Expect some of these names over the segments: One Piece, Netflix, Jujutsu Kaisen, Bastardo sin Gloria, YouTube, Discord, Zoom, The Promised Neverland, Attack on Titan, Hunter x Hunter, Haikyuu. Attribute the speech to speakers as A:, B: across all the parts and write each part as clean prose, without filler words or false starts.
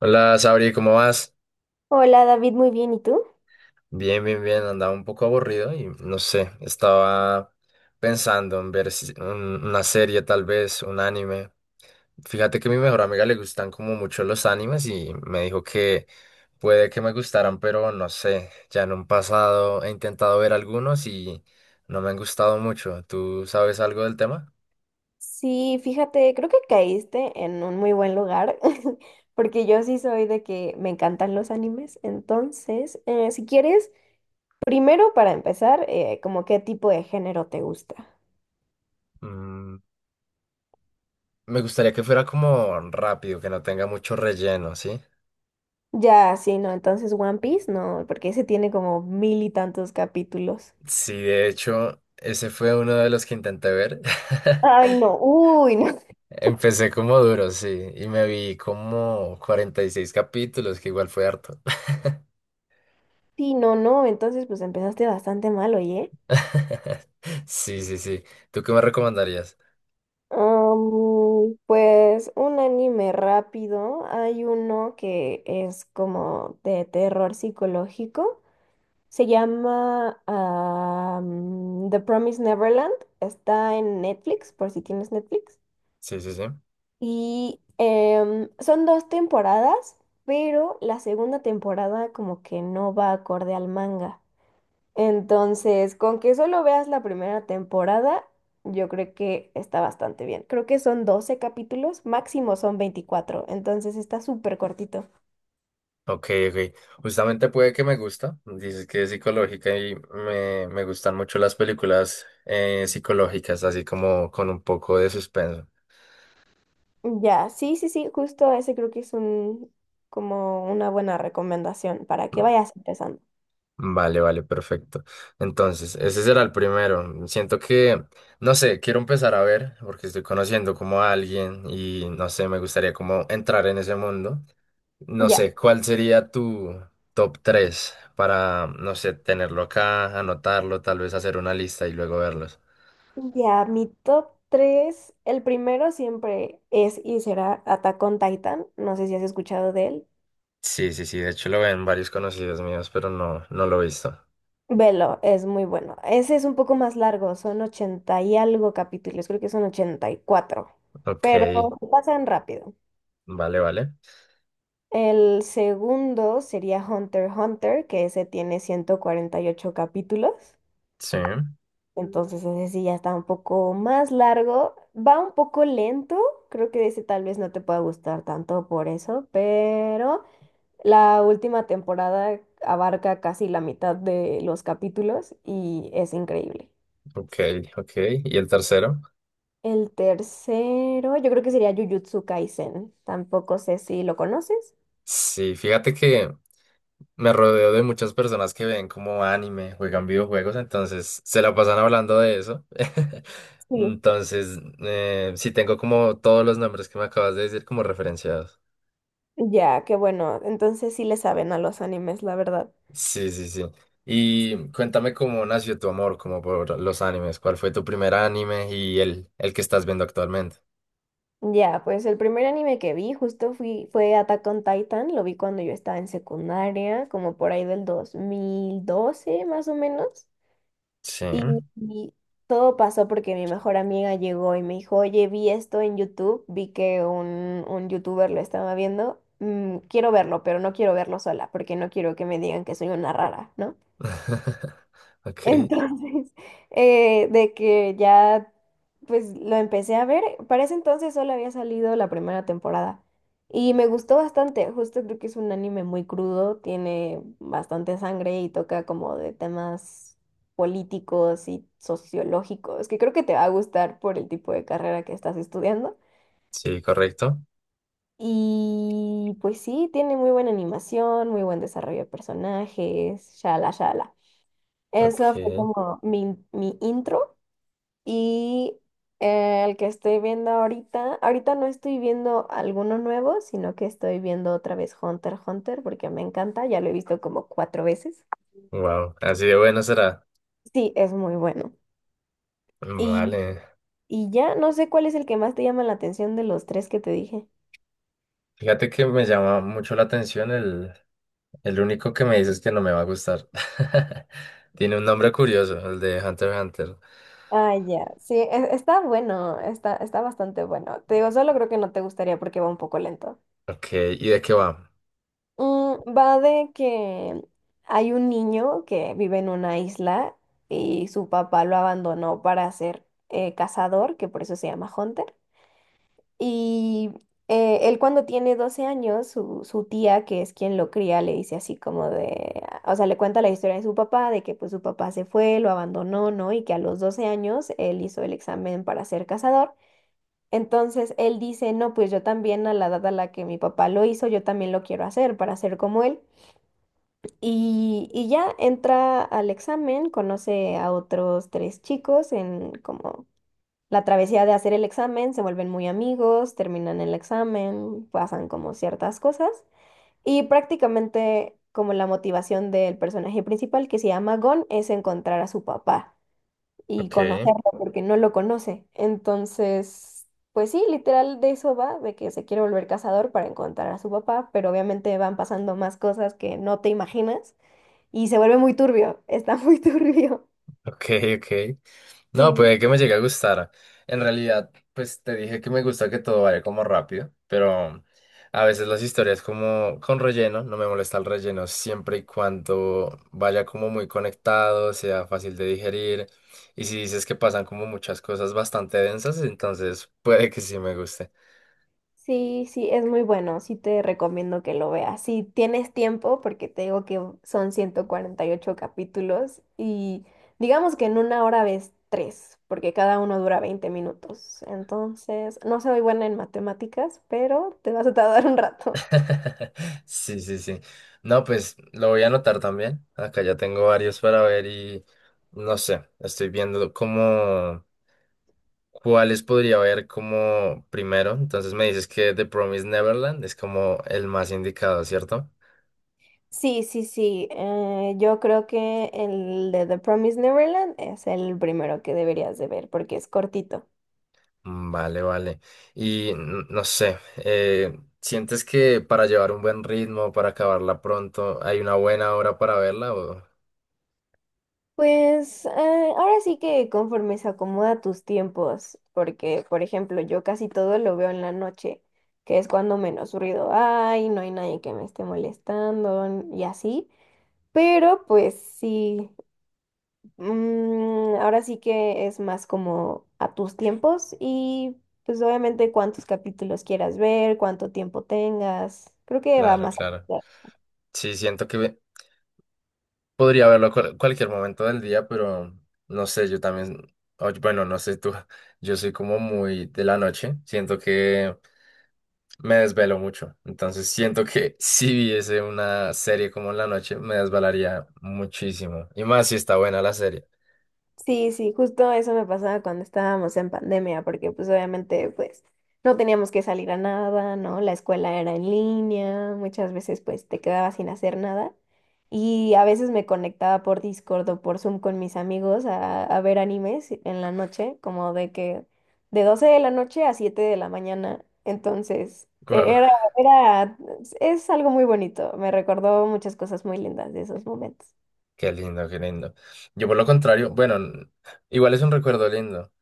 A: Hola, Sabri, ¿cómo vas?
B: Hola David, muy bien, ¿y tú?
A: Bien, bien, bien. Andaba un poco aburrido y no sé, estaba pensando en ver una serie, tal vez, un anime. Fíjate que a mi mejor amiga le gustan como mucho los animes y me dijo que puede que me gustaran, pero no sé. Ya en un pasado he intentado ver algunos y no me han gustado mucho. ¿Tú sabes algo del tema?
B: Sí, fíjate, creo que caíste en un muy buen lugar, porque yo sí soy de que me encantan los animes, entonces, si quieres, primero para empezar, como qué tipo de género te gusta.
A: Mm, me gustaría que fuera como rápido, que no tenga mucho relleno, ¿sí?
B: Ya, sí, no, entonces One Piece, no, porque ese tiene como mil y tantos capítulos.
A: Sí, de hecho, ese fue uno de los que intenté ver.
B: Ay, no, uy, no.
A: Empecé como duro, sí, y me vi como 46 capítulos, que igual fue harto.
B: Sí, no, no, entonces pues empezaste bastante mal, oye.
A: Sí, sí, sí. ¿Tú qué me recomendarías?
B: Pues un anime rápido. Hay uno que es como de terror psicológico. Se llama The Promised Neverland. Está en Netflix, por si tienes Netflix.
A: Sí, sí, sí.
B: Y son dos temporadas, pero la segunda temporada como que no va acorde al manga. Entonces, con que solo veas la primera temporada, yo creo que está bastante bien. Creo que son 12 capítulos, máximo son 24. Entonces está súper cortito.
A: Ok, ok. Justamente puede que me gusta. Dices que es psicológica y me gustan mucho las películas psicológicas, así como con un poco de suspenso.
B: Ya, sí, sí, sí, justo ese creo que es un, como una buena recomendación para que vayas empezando.
A: Vale, vale, perfecto. Entonces, ese será el primero. Siento que, no sé, quiero empezar a ver, porque estoy conociendo como a alguien y no sé, me gustaría como entrar en ese mundo. No
B: Ya,
A: sé, ¿cuál sería tu top 3 para, no sé, tenerlo acá, anotarlo, tal vez hacer una lista y luego verlos?
B: ya, mi top 3, el primero siempre es y será Attack on Titan, no sé si has escuchado de él.
A: Sí, sí, sí, de hecho lo ven varios conocidos míos, pero no, no lo he visto.
B: Velo, es muy bueno. Ese es un poco más largo, son 80 y algo capítulos, creo que son 84,
A: Ok,
B: pero se pasan rápido.
A: vale, vale.
B: El segundo sería Hunter x Hunter, que ese tiene 148 capítulos,
A: Sí,
B: entonces ese sí ya está un poco más largo, va un poco lento, creo que ese tal vez no te pueda gustar tanto por eso, pero la última temporada abarca casi la mitad de los capítulos y es increíble.
A: ok, ok. ¿Y el tercero?
B: El tercero, yo creo que sería Jujutsu Kaisen. Tampoco sé si lo conoces.
A: Sí, fíjate que me rodeo de muchas personas que ven como anime, juegan videojuegos, entonces se la pasan hablando de eso.
B: Sí.
A: Entonces, sí tengo como todos los nombres que me acabas de decir como referenciados.
B: Ya, qué bueno. Entonces sí le saben a los animes, la verdad.
A: Sí, sí, sí. Y cuéntame cómo nació tu amor como por los animes, cuál fue tu primer anime y el que estás viendo actualmente.
B: Ya, pues el primer anime que vi justo fue Attack on Titan. Lo vi cuando yo estaba en secundaria, como por ahí del 2012, más o menos.
A: Sí.
B: Y todo pasó porque mi mejor amiga llegó y me dijo, oye, vi esto en YouTube, vi que un youtuber lo estaba viendo, quiero verlo, pero no quiero verlo sola porque no quiero que me digan que soy una rara, ¿no?
A: Ok,
B: Entonces, de que ya, pues lo empecé a ver. Para ese entonces solo había salido la primera temporada. Y me gustó bastante. Justo creo que es un anime muy crudo, tiene bastante sangre y toca como de temas políticos y sociológicos, que creo que te va a gustar por el tipo de carrera que estás estudiando.
A: sí, correcto.
B: Y pues sí, tiene muy buena animación, muy buen desarrollo de personajes, shala, shala.
A: Ok,
B: Eso fue como mi intro. Y el que estoy viendo ahorita, ahorita no estoy viendo alguno nuevo, sino que estoy viendo otra vez Hunter x Hunter porque me encanta, ya lo he visto como cuatro veces.
A: wow, así de bueno será.
B: Sí, es muy bueno. Y,
A: Vale.
B: y ya no sé cuál es el que más te llama la atención de los tres que te dije.
A: Fíjate que me llama mucho la atención el único que me dices que no me va a gustar. Tiene un nombre curioso, el de Hunter x Hunter.
B: Ah, ya, sí, está bueno, está, está bastante bueno. Te digo, solo creo que no te gustaría porque va un poco lento.
A: Ok, ¿y de qué va?
B: Mm, va de que hay un niño que vive en una isla y su papá lo abandonó para ser cazador, que por eso se llama Hunter. Y él cuando tiene 12 años, su tía, que es quien lo cría, le dice así como de, o sea, le cuenta la historia de su papá, de que pues su papá se fue, lo abandonó, ¿no? Y que a los 12 años él hizo el examen para ser cazador. Entonces él dice, no, pues yo también a la edad a la que mi papá lo hizo, yo también lo quiero hacer para ser como él. Y ya entra al examen, conoce a otros tres chicos en como la travesía de hacer el examen, se vuelven muy amigos, terminan el examen, pasan como ciertas cosas. Y prácticamente como la motivación del personaje principal, que se llama Gon, es encontrar a su papá y
A: Ok.
B: conocerlo porque no lo conoce. Entonces, pues sí, literal de eso va, de que se quiere volver cazador para encontrar a su papá, pero obviamente van pasando más cosas que no te imaginas. Y se vuelve muy turbio, está muy turbio.
A: Ok, ok. No,
B: Sí.
A: puede que me llegue a gustar. En realidad, pues te dije que me gusta que todo vaya como rápido, pero a veces las historias como con relleno, no me molesta el relleno siempre y cuando vaya como muy conectado, sea fácil de digerir. Y si dices que pasan como muchas cosas bastante densas, entonces puede que sí me guste.
B: Sí, sí, es muy bueno, sí te recomiendo que lo veas. Si tienes tiempo, porque te digo que son 148 capítulos y digamos que en una hora ves tres, porque cada uno dura 20 minutos. Entonces, no soy buena en matemáticas, pero te vas a tardar un rato.
A: Sí, sí, sí. No, pues lo voy a anotar también. Acá ya tengo varios para ver y no sé, estoy viendo cómo. ¿Cuáles podría ver como primero? Entonces me dices que The Promised Neverland es como el más indicado, ¿cierto?
B: Sí, sí, sí, yo creo que el de The Promised Neverland es el primero que deberías de ver porque es cortito.
A: Mm, vale, vale. Y no sé, ¿sientes que para llevar un buen ritmo, para acabarla pronto, hay una buena hora para verla? O-
B: Pues ahora sí que conforme se acomoda tus tiempos, porque por ejemplo yo casi todo lo veo en la noche, que es cuando menos ruido hay, no hay nadie que me esté molestando y así, pero pues sí, ahora sí que es más como a tus tiempos y pues obviamente cuántos capítulos quieras ver, cuánto tiempo tengas, creo que va
A: claro,
B: más.
A: claro. Sí, siento que podría verlo cualquier momento del día, pero no sé, yo también, oye, bueno, no sé tú, yo soy como muy de la noche, siento que... Me desvelo mucho, entonces siento que si viese una serie como en la noche me desvelaría muchísimo, y más si está buena la serie.
B: Sí, sí, justo eso me pasaba cuando estábamos en pandemia, porque pues obviamente pues no teníamos que salir a nada, ¿no? La escuela era en línea, muchas veces pues te quedabas sin hacer nada y a veces me conectaba por Discord o por Zoom con mis amigos a, ver animes en la noche, como de que de 12 de la noche a 7 de la mañana, entonces
A: Guau,
B: era, es algo muy bonito, me recordó muchas cosas muy lindas de esos momentos.
A: qué lindo, qué lindo. Yo por lo contrario, bueno, igual es un recuerdo lindo.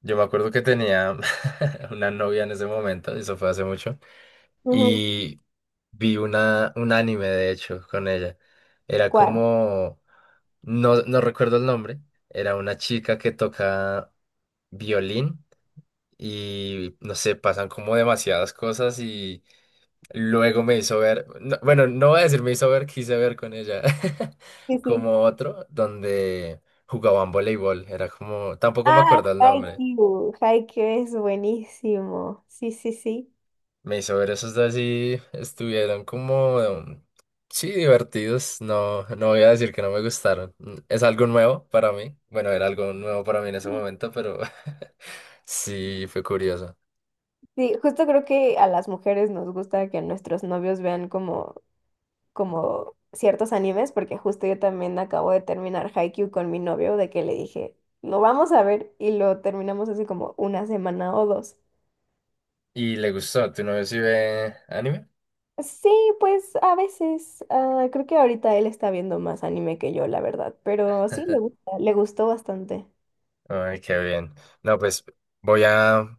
A: Yo me acuerdo que tenía una novia en ese momento, eso fue hace mucho,
B: Ujú.
A: y vi un anime de hecho con ella. Era
B: ¿Cuál?
A: como, no, no recuerdo el nombre, era una chica que toca violín y no sé, pasan como demasiadas cosas y luego me hizo ver, no- bueno, no voy a decir me hizo ver, quise ver con ella,
B: Sí, sí.
A: como otro donde jugaban voleibol, era como, tampoco me
B: Ah,
A: acuerdo el nombre,
B: Haikyuu. Haikyuu es buenísimo. Sí, sí, sí.
A: me hizo ver esos dos y estuvieron como, sí, divertidos, no, no voy a decir que no me gustaron. Es algo nuevo para mí, bueno, era algo nuevo para mí en ese momento, pero sí, fue curioso.
B: Sí, justo creo que a las mujeres nos gusta que nuestros novios vean como, como ciertos animes, porque justo yo también acabo de terminar Haikyuu con mi novio, de que le dije, lo vamos a ver, y lo terminamos hace como una semana o dos.
A: ¿Y le gustó? ¿Tu novio sí ve anime?
B: Sí, pues a veces. Creo que ahorita él está viendo más anime que yo, la verdad, pero sí le gusta, le gustó bastante.
A: Ay, qué bien. No, pues voy a,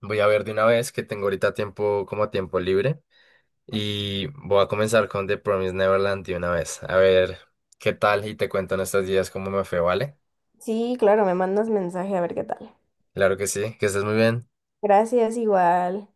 A: voy a ver de una vez que tengo ahorita tiempo como tiempo libre y voy a comenzar con The Promised Neverland de una vez. A ver qué tal y te cuento en estos días cómo me fue, ¿vale?
B: Sí, claro, me mandas mensaje a ver qué tal.
A: Claro que sí, que estés muy bien.
B: Gracias, igual.